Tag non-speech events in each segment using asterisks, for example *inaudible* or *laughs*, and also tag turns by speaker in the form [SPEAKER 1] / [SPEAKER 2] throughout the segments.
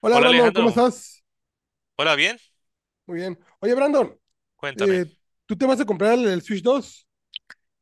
[SPEAKER 1] Hola
[SPEAKER 2] Hola
[SPEAKER 1] Brandon, ¿cómo
[SPEAKER 2] Alejandro,
[SPEAKER 1] estás?
[SPEAKER 2] hola, bien,
[SPEAKER 1] Muy bien. Oye Brandon,
[SPEAKER 2] cuéntame.
[SPEAKER 1] eh, ¿tú te vas a comprar el Switch dos?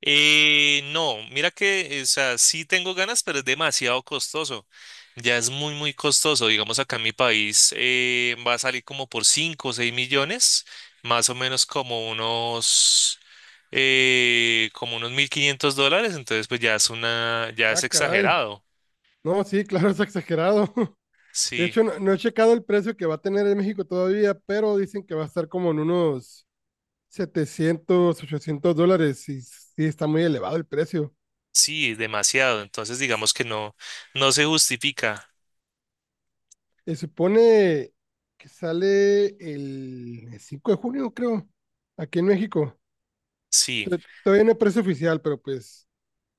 [SPEAKER 2] No, mira que, o sea, sí tengo ganas, pero es demasiado costoso. Ya es muy, muy costoso. Digamos, acá en mi país va a salir como por 5 o 6 millones, más o menos como unos $1.500. Entonces, pues ya es ya es
[SPEAKER 1] Ah, caray.
[SPEAKER 2] exagerado.
[SPEAKER 1] No, sí, claro, es exagerado. *laughs* De
[SPEAKER 2] Sí,
[SPEAKER 1] hecho, no he checado el precio que va a tener en México todavía, pero dicen que va a estar como en unos $700, $800, y sí está muy elevado el precio.
[SPEAKER 2] sí, demasiado. Entonces, digamos que no se justifica.
[SPEAKER 1] Se supone que sale el 5 de junio, creo, aquí en México.
[SPEAKER 2] Sí.
[SPEAKER 1] Todavía no hay precio oficial, pero pues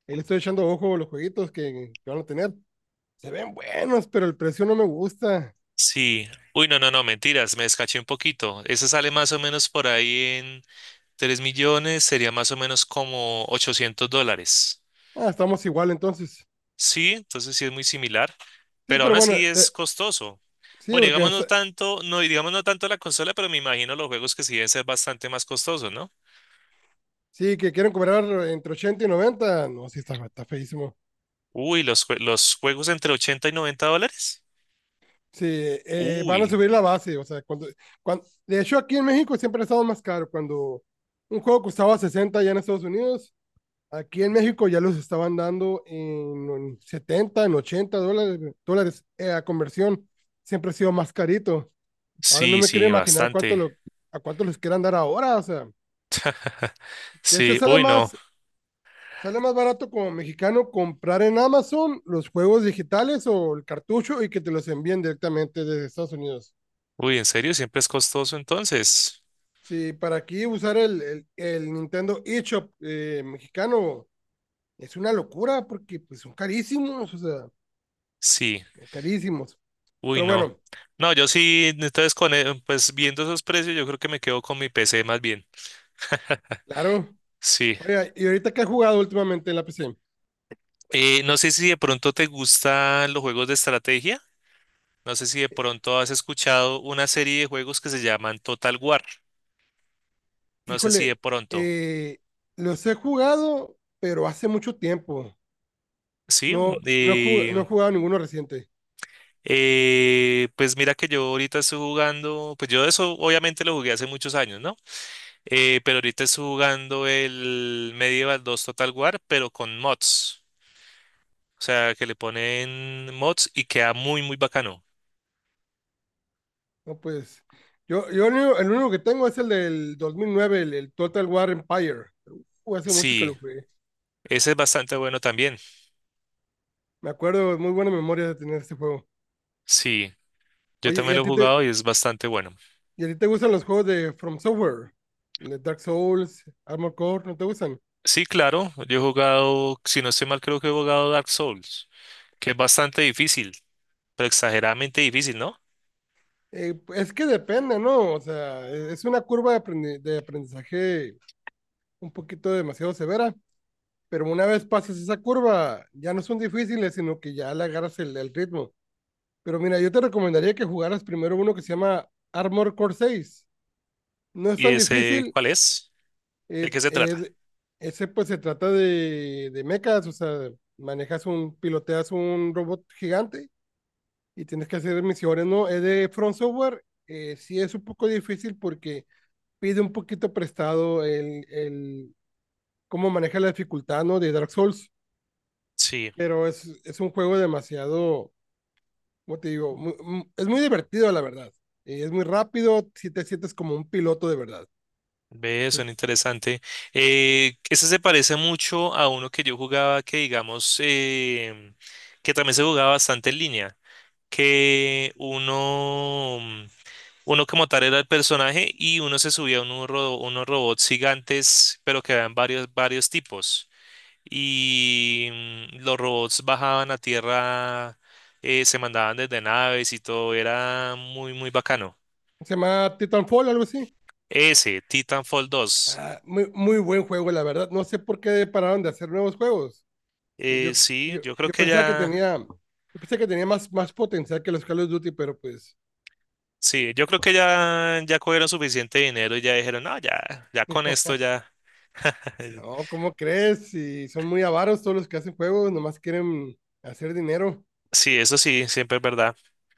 [SPEAKER 1] ahí le estoy echando ojo a los jueguitos que van a tener. Se ven buenos, pero el precio no me gusta.
[SPEAKER 2] Sí. Uy, no, no, no, mentiras, me descaché un poquito. Ese sale más o menos por ahí en 3 millones, sería más o menos como $800.
[SPEAKER 1] Ah, estamos igual entonces.
[SPEAKER 2] Sí, entonces sí es muy similar,
[SPEAKER 1] Sí,
[SPEAKER 2] pero aún
[SPEAKER 1] pero bueno,
[SPEAKER 2] así es costoso.
[SPEAKER 1] sí,
[SPEAKER 2] Bueno,
[SPEAKER 1] porque
[SPEAKER 2] digamos no tanto, no, y digamos no tanto la consola, pero me imagino los juegos que sí deben ser bastante más costosos, ¿no?
[SPEAKER 1] sí, que quieren cobrar entre 80 y 90. No, sí, está feísimo.
[SPEAKER 2] Uy, los juegos entre $80 y $90.
[SPEAKER 1] Sí, van a
[SPEAKER 2] Uy,
[SPEAKER 1] subir la base. O sea, cuando, de hecho, aquí en México siempre ha estado más caro. Cuando un juego costaba 60 ya en Estados Unidos, aquí en México ya los estaban dando en 70 en 80 dólares, dólares a conversión. Siempre ha sido más carito. Ahora no
[SPEAKER 2] sí,
[SPEAKER 1] me quiero
[SPEAKER 2] sí,
[SPEAKER 1] imaginar
[SPEAKER 2] bastante.
[SPEAKER 1] a cuánto les quieran dar ahora. O sea,
[SPEAKER 2] *laughs*
[SPEAKER 1] de hecho,
[SPEAKER 2] Sí, uy, no.
[SPEAKER 1] sale más barato como mexicano comprar en Amazon los juegos digitales o el cartucho y que te los envíen directamente desde Estados Unidos.
[SPEAKER 2] Uy, ¿en serio? ¿Siempre es costoso entonces?
[SPEAKER 1] Sí, para aquí usar el Nintendo eShop mexicano es una locura porque pues, son carísimos, o sea,
[SPEAKER 2] Sí.
[SPEAKER 1] carísimos.
[SPEAKER 2] Uy,
[SPEAKER 1] Pero
[SPEAKER 2] no.
[SPEAKER 1] bueno,
[SPEAKER 2] No, yo sí, entonces pues viendo esos precios, yo creo que me quedo con mi PC más bien. *laughs*
[SPEAKER 1] claro.
[SPEAKER 2] Sí.
[SPEAKER 1] Oiga, ¿y ahorita qué he jugado últimamente en la PC?
[SPEAKER 2] No sé si de pronto te gustan los juegos de estrategia. No sé si de pronto has escuchado una serie de juegos que se llaman Total War. No sé si de
[SPEAKER 1] Híjole,
[SPEAKER 2] pronto.
[SPEAKER 1] eh, los he jugado, pero hace mucho tiempo.
[SPEAKER 2] Sí.
[SPEAKER 1] No, no he jugado ninguno reciente.
[SPEAKER 2] Pues mira que yo ahorita estoy jugando, pues yo eso obviamente lo jugué hace muchos años, ¿no? Pero ahorita estoy jugando el Medieval 2 Total War, pero con mods. O sea, que le ponen mods y queda muy, muy bacano.
[SPEAKER 1] No, pues, yo el único que tengo es el del 2009, el Total War Empire. Hace mucho que
[SPEAKER 2] Sí,
[SPEAKER 1] lo jugué.
[SPEAKER 2] ese es bastante bueno también.
[SPEAKER 1] Me acuerdo, muy buena memoria de tener este juego.
[SPEAKER 2] Sí, yo
[SPEAKER 1] Oye,
[SPEAKER 2] también lo he jugado y es bastante bueno.
[SPEAKER 1] ¿y a ti te gustan los juegos de From Software, de Dark Souls, Armored Core? ¿No te gustan?
[SPEAKER 2] Sí, claro, yo he jugado, si no estoy mal, creo que he jugado Dark Souls, que es bastante difícil, pero exageradamente difícil, ¿no?
[SPEAKER 1] Es que depende, ¿no? O sea, es una curva de, de aprendizaje un poquito demasiado severa, pero una vez pasas esa curva, ya no son difíciles, sino que ya le agarras el ritmo. Pero mira, yo te recomendaría que jugaras primero uno que se llama Armor Core 6. No es
[SPEAKER 2] ¿Y
[SPEAKER 1] tan
[SPEAKER 2] ese
[SPEAKER 1] difícil.
[SPEAKER 2] cuál es? ¿De
[SPEAKER 1] eh,
[SPEAKER 2] qué se trata?
[SPEAKER 1] eh, ese pues se trata de mechas. O sea, piloteas un robot gigante y tienes que hacer misiones, ¿no? Es de Front Software. Sí es un poco difícil porque pide un poquito prestado el cómo maneja la dificultad, ¿no? De Dark Souls.
[SPEAKER 2] Sí,
[SPEAKER 1] Pero es un juego demasiado, como te digo, es muy divertido, la verdad. Y es muy rápido, si te sientes como un piloto de verdad.
[SPEAKER 2] ve, suena interesante. Ese se parece mucho a uno que yo jugaba que, digamos, que también se jugaba bastante en línea, que uno Uno como tal era el personaje y uno se subía a unos robots gigantes, pero que eran varios, varios tipos. Y los robots bajaban a tierra, se mandaban desde naves y todo, era muy, muy bacano.
[SPEAKER 1] Se llama Titanfall, algo así.
[SPEAKER 2] Ese, Titanfall dos.
[SPEAKER 1] Ah, muy, muy buen juego, la verdad. No sé por qué pararon de hacer nuevos juegos.
[SPEAKER 2] Eh,
[SPEAKER 1] Yo,
[SPEAKER 2] sí,
[SPEAKER 1] yo,
[SPEAKER 2] yo creo
[SPEAKER 1] yo
[SPEAKER 2] que
[SPEAKER 1] pensaba que
[SPEAKER 2] ya,
[SPEAKER 1] tenía, yo pensé que tenía más, más potencial que los Call of Duty, pero pues
[SPEAKER 2] sí, yo creo que ya, ya cogieron suficiente dinero y ya dijeron, no, ya, ya con esto ya. *laughs*
[SPEAKER 1] no, ¿cómo crees? Si son muy avaros todos los que hacen juegos, nomás quieren hacer dinero.
[SPEAKER 2] Sí, eso sí, siempre es verdad.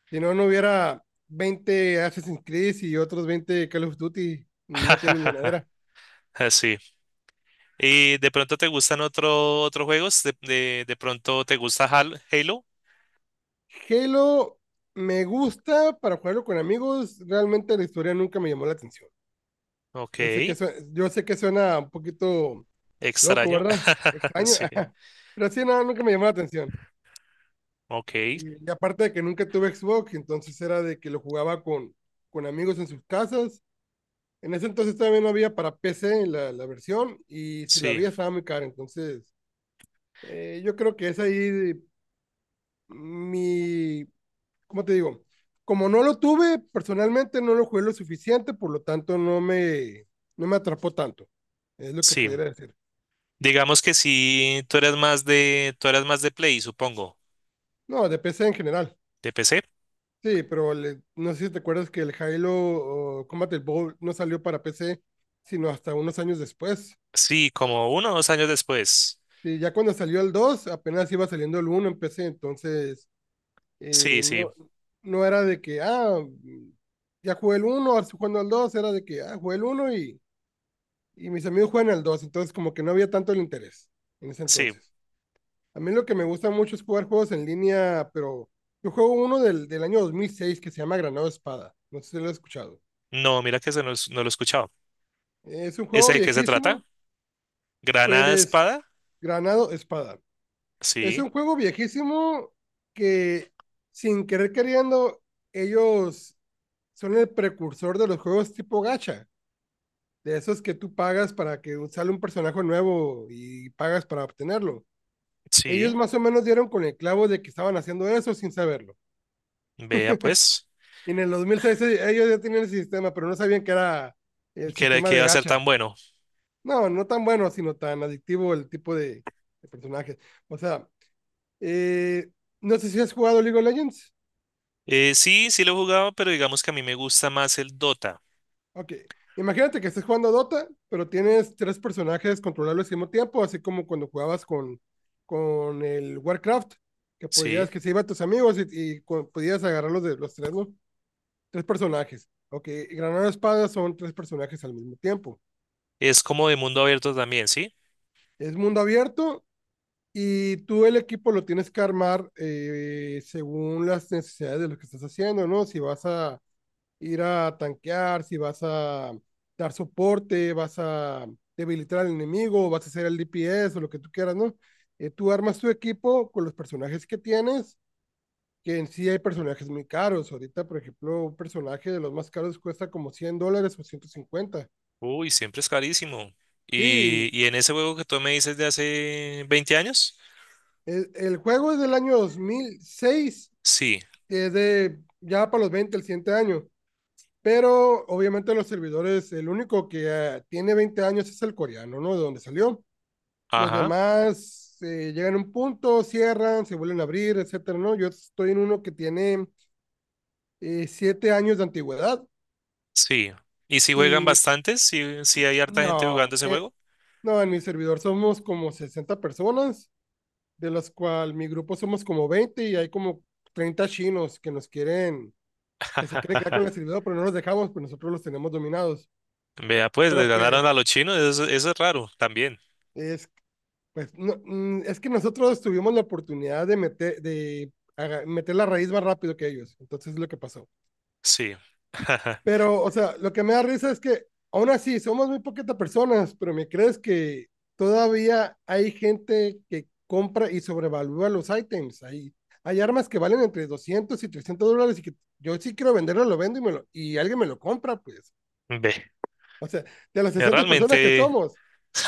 [SPEAKER 1] Si no, no hubiera 20 Assassin's Creed y otros 20 Call of Duty. No tienen
[SPEAKER 2] *laughs*
[SPEAKER 1] llenadera.
[SPEAKER 2] Sí. ¿Y de pronto te gustan otro, otros juegos? De pronto te gusta Halo?
[SPEAKER 1] Halo me gusta para jugarlo con amigos. Realmente la historia nunca me llamó la atención.
[SPEAKER 2] Ok,
[SPEAKER 1] Yo sé que, su- yo sé que suena un poquito loco,
[SPEAKER 2] extraño.
[SPEAKER 1] ¿verdad?
[SPEAKER 2] *laughs*
[SPEAKER 1] Extraño. *laughs*
[SPEAKER 2] Sí,
[SPEAKER 1] Ajá. Pero sí, no, nunca me llamó la atención.
[SPEAKER 2] ok,
[SPEAKER 1] Y aparte de que nunca tuve Xbox, entonces era de que lo jugaba con amigos en sus casas. En ese entonces todavía no había para PC la versión, y si la
[SPEAKER 2] sí,
[SPEAKER 1] había estaba muy cara. Entonces, yo creo que es ahí mi, ¿cómo te digo? Como no lo tuve, personalmente no lo jugué lo suficiente, por lo tanto no me atrapó tanto. Es lo que
[SPEAKER 2] sí.
[SPEAKER 1] pudiera decir.
[SPEAKER 2] Digamos que sí, tú eres más de, tú eres más de Play, supongo.
[SPEAKER 1] No, de PC en general.
[SPEAKER 2] ¿De PC?
[SPEAKER 1] Sí, pero no sé si te acuerdas que el Halo o Combat Evolved no salió para PC, sino hasta unos años después.
[SPEAKER 2] Sí, como uno o dos años después.
[SPEAKER 1] Sí, ya cuando salió el 2 apenas iba saliendo el uno en PC, entonces Eh,
[SPEAKER 2] Sí, sí,
[SPEAKER 1] no, no era de que, ah, ya jugué el uno, ahora estoy jugando al 2, era de que, ah, jugué el uno y mis amigos juegan al dos, entonces como que no había tanto el interés en ese
[SPEAKER 2] sí.
[SPEAKER 1] entonces. A mí lo que me gusta mucho es jugar juegos en línea, pero yo juego uno del año 2006 que se llama Granado Espada, no sé si lo has escuchado.
[SPEAKER 2] No, mira que no, lo he escuchado.
[SPEAKER 1] Es un
[SPEAKER 2] ¿Ese
[SPEAKER 1] juego
[SPEAKER 2] de qué se trata?
[SPEAKER 1] viejísimo,
[SPEAKER 2] ¿Granada
[SPEAKER 1] pues,
[SPEAKER 2] Espada?
[SPEAKER 1] Granado Espada. Es
[SPEAKER 2] Sí,
[SPEAKER 1] un juego viejísimo que sin querer queriendo ellos son el precursor de los juegos tipo gacha, de esos que tú pagas para que sale un personaje nuevo y pagas para obtenerlo.
[SPEAKER 2] sí.
[SPEAKER 1] Ellos más o menos dieron con el clavo de que estaban haciendo eso sin saberlo.
[SPEAKER 2] Vea pues,
[SPEAKER 1] Y en el 2006 ellos ya tenían el sistema, pero no sabían que era el sistema
[SPEAKER 2] que
[SPEAKER 1] de
[SPEAKER 2] iba a ser
[SPEAKER 1] gacha.
[SPEAKER 2] tan bueno.
[SPEAKER 1] No, no tan bueno, sino tan adictivo el tipo de personajes. O sea, eh, no sé si has jugado League of Legends.
[SPEAKER 2] Sí, sí lo he jugado, pero digamos que a mí me gusta más el Dota,
[SPEAKER 1] Ok. Imagínate que estés jugando Dota, pero tienes tres personajes controlables al mismo tiempo, así como cuando jugabas con el Warcraft, que
[SPEAKER 2] ¿sí?
[SPEAKER 1] podías, que se iban tus amigos y, podías agarrarlos de los tres, ¿no? Tres personajes. Ok, Granada Espada son tres personajes al mismo tiempo.
[SPEAKER 2] Es como de mundo abierto también, ¿sí?
[SPEAKER 1] Es mundo abierto, y tú el equipo lo tienes que armar según las necesidades de lo que estás haciendo, ¿no? Si vas a, ir a tanquear, si vas a dar soporte, vas a debilitar al enemigo, vas a hacer el DPS o lo que tú quieras, ¿no? Tú armas tu equipo con los personajes que tienes, que en sí hay personajes muy caros. Ahorita, por ejemplo, un personaje de los más caros cuesta como $100 o 150.
[SPEAKER 2] Uy, siempre es carísimo.
[SPEAKER 1] Sí,
[SPEAKER 2] Y en ese juego que tú me dices de hace 20 años,
[SPEAKER 1] el juego es del año 2006,
[SPEAKER 2] sí,
[SPEAKER 1] es de ya para los 20 el siguiente año. Pero obviamente los servidores, el único que tiene 20 años es el coreano, ¿no? De donde salió. Los
[SPEAKER 2] ajá,
[SPEAKER 1] demás llegan a un punto, cierran, se vuelven a abrir, etcétera, ¿no? Yo estoy en uno que tiene 7 años de antigüedad
[SPEAKER 2] sí. ¿Y si juegan
[SPEAKER 1] y
[SPEAKER 2] bastantes? ¿Sí, sí hay harta gente jugando
[SPEAKER 1] no,
[SPEAKER 2] ese
[SPEAKER 1] eh,
[SPEAKER 2] juego?
[SPEAKER 1] no, en mi servidor somos como 60 personas, de las cuales mi grupo somos como 20, y hay como 30 chinos que nos quieren, que se quieren quedar con el
[SPEAKER 2] *laughs*
[SPEAKER 1] servidor, pero no los dejamos, pues nosotros los tenemos dominados.
[SPEAKER 2] Vea, pues, les
[SPEAKER 1] Pero pues,
[SPEAKER 2] ganaron a los chinos, eso es raro también,
[SPEAKER 1] es, pues, no, es que nosotros tuvimos la oportunidad de meter, meter la raíz más rápido que ellos, entonces es lo que pasó.
[SPEAKER 2] sí. *laughs*
[SPEAKER 1] Pero, o sea, lo que me da risa es que aún así somos muy poquitas personas, pero me crees que todavía hay gente que compra y sobrevalúa los ítems. Hay armas que valen entre $200 y $300, y que yo sí quiero venderlo, lo vendo y, y alguien me lo compra, pues.
[SPEAKER 2] Ve,
[SPEAKER 1] O sea, de las 60 personas que
[SPEAKER 2] realmente,
[SPEAKER 1] somos,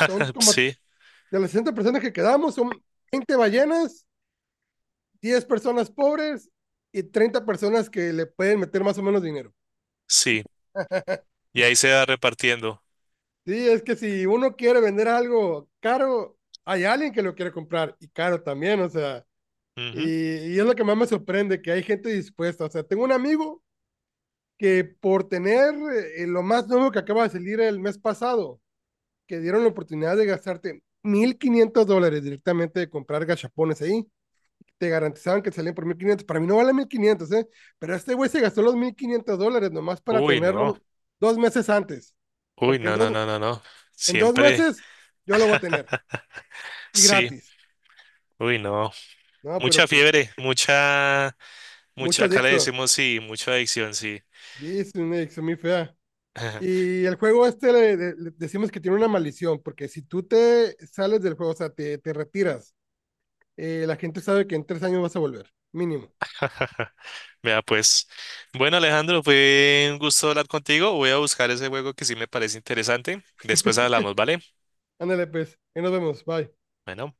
[SPEAKER 1] son como,
[SPEAKER 2] sí,
[SPEAKER 1] de las 60 personas que quedamos, son 20 ballenas, 10 personas pobres y 30 personas que le pueden meter más o menos dinero.
[SPEAKER 2] sí. Y ahí se va repartiendo.
[SPEAKER 1] Sí, es que si uno quiere vender algo caro, hay alguien que lo quiere comprar y caro también, o sea,
[SPEAKER 2] Ujú.
[SPEAKER 1] y es lo que más me sorprende, que hay gente dispuesta. O sea, tengo un amigo que por tener lo más nuevo que acaba de salir el mes pasado, que dieron la oportunidad de gastarte $1,500 directamente de comprar gachapones ahí, te garantizaban que salían por 1,500, para mí no vale 1,500, ¿eh? Pero este güey se gastó los $1,500 nomás para
[SPEAKER 2] Uy, no.
[SPEAKER 1] tenerlo 2 meses antes,
[SPEAKER 2] Uy,
[SPEAKER 1] porque
[SPEAKER 2] no, no, no, no, no.
[SPEAKER 1] en dos
[SPEAKER 2] Siempre,
[SPEAKER 1] meses yo lo voy a tener.
[SPEAKER 2] *laughs*
[SPEAKER 1] Y
[SPEAKER 2] sí.
[SPEAKER 1] gratis.
[SPEAKER 2] Uy, no.
[SPEAKER 1] No,
[SPEAKER 2] Mucha
[SPEAKER 1] pero pues,
[SPEAKER 2] fiebre, mucha,
[SPEAKER 1] mucho
[SPEAKER 2] mucha, acá le
[SPEAKER 1] adicto.
[SPEAKER 2] decimos sí, mucha adicción, sí.
[SPEAKER 1] Sí, es una adicción muy fea. Y el juego este le decimos que tiene una maldición, porque si tú te sales del juego, o sea, te retiras, la gente sabe que en 3 años vas a volver, mínimo.
[SPEAKER 2] *laughs* Vea, pues. Bueno, Alejandro, fue un gusto hablar contigo. Voy a buscar ese juego que sí me parece interesante. Después hablamos, ¿vale?
[SPEAKER 1] Ándale, pues, ahí nos vemos, bye.
[SPEAKER 2] Bueno.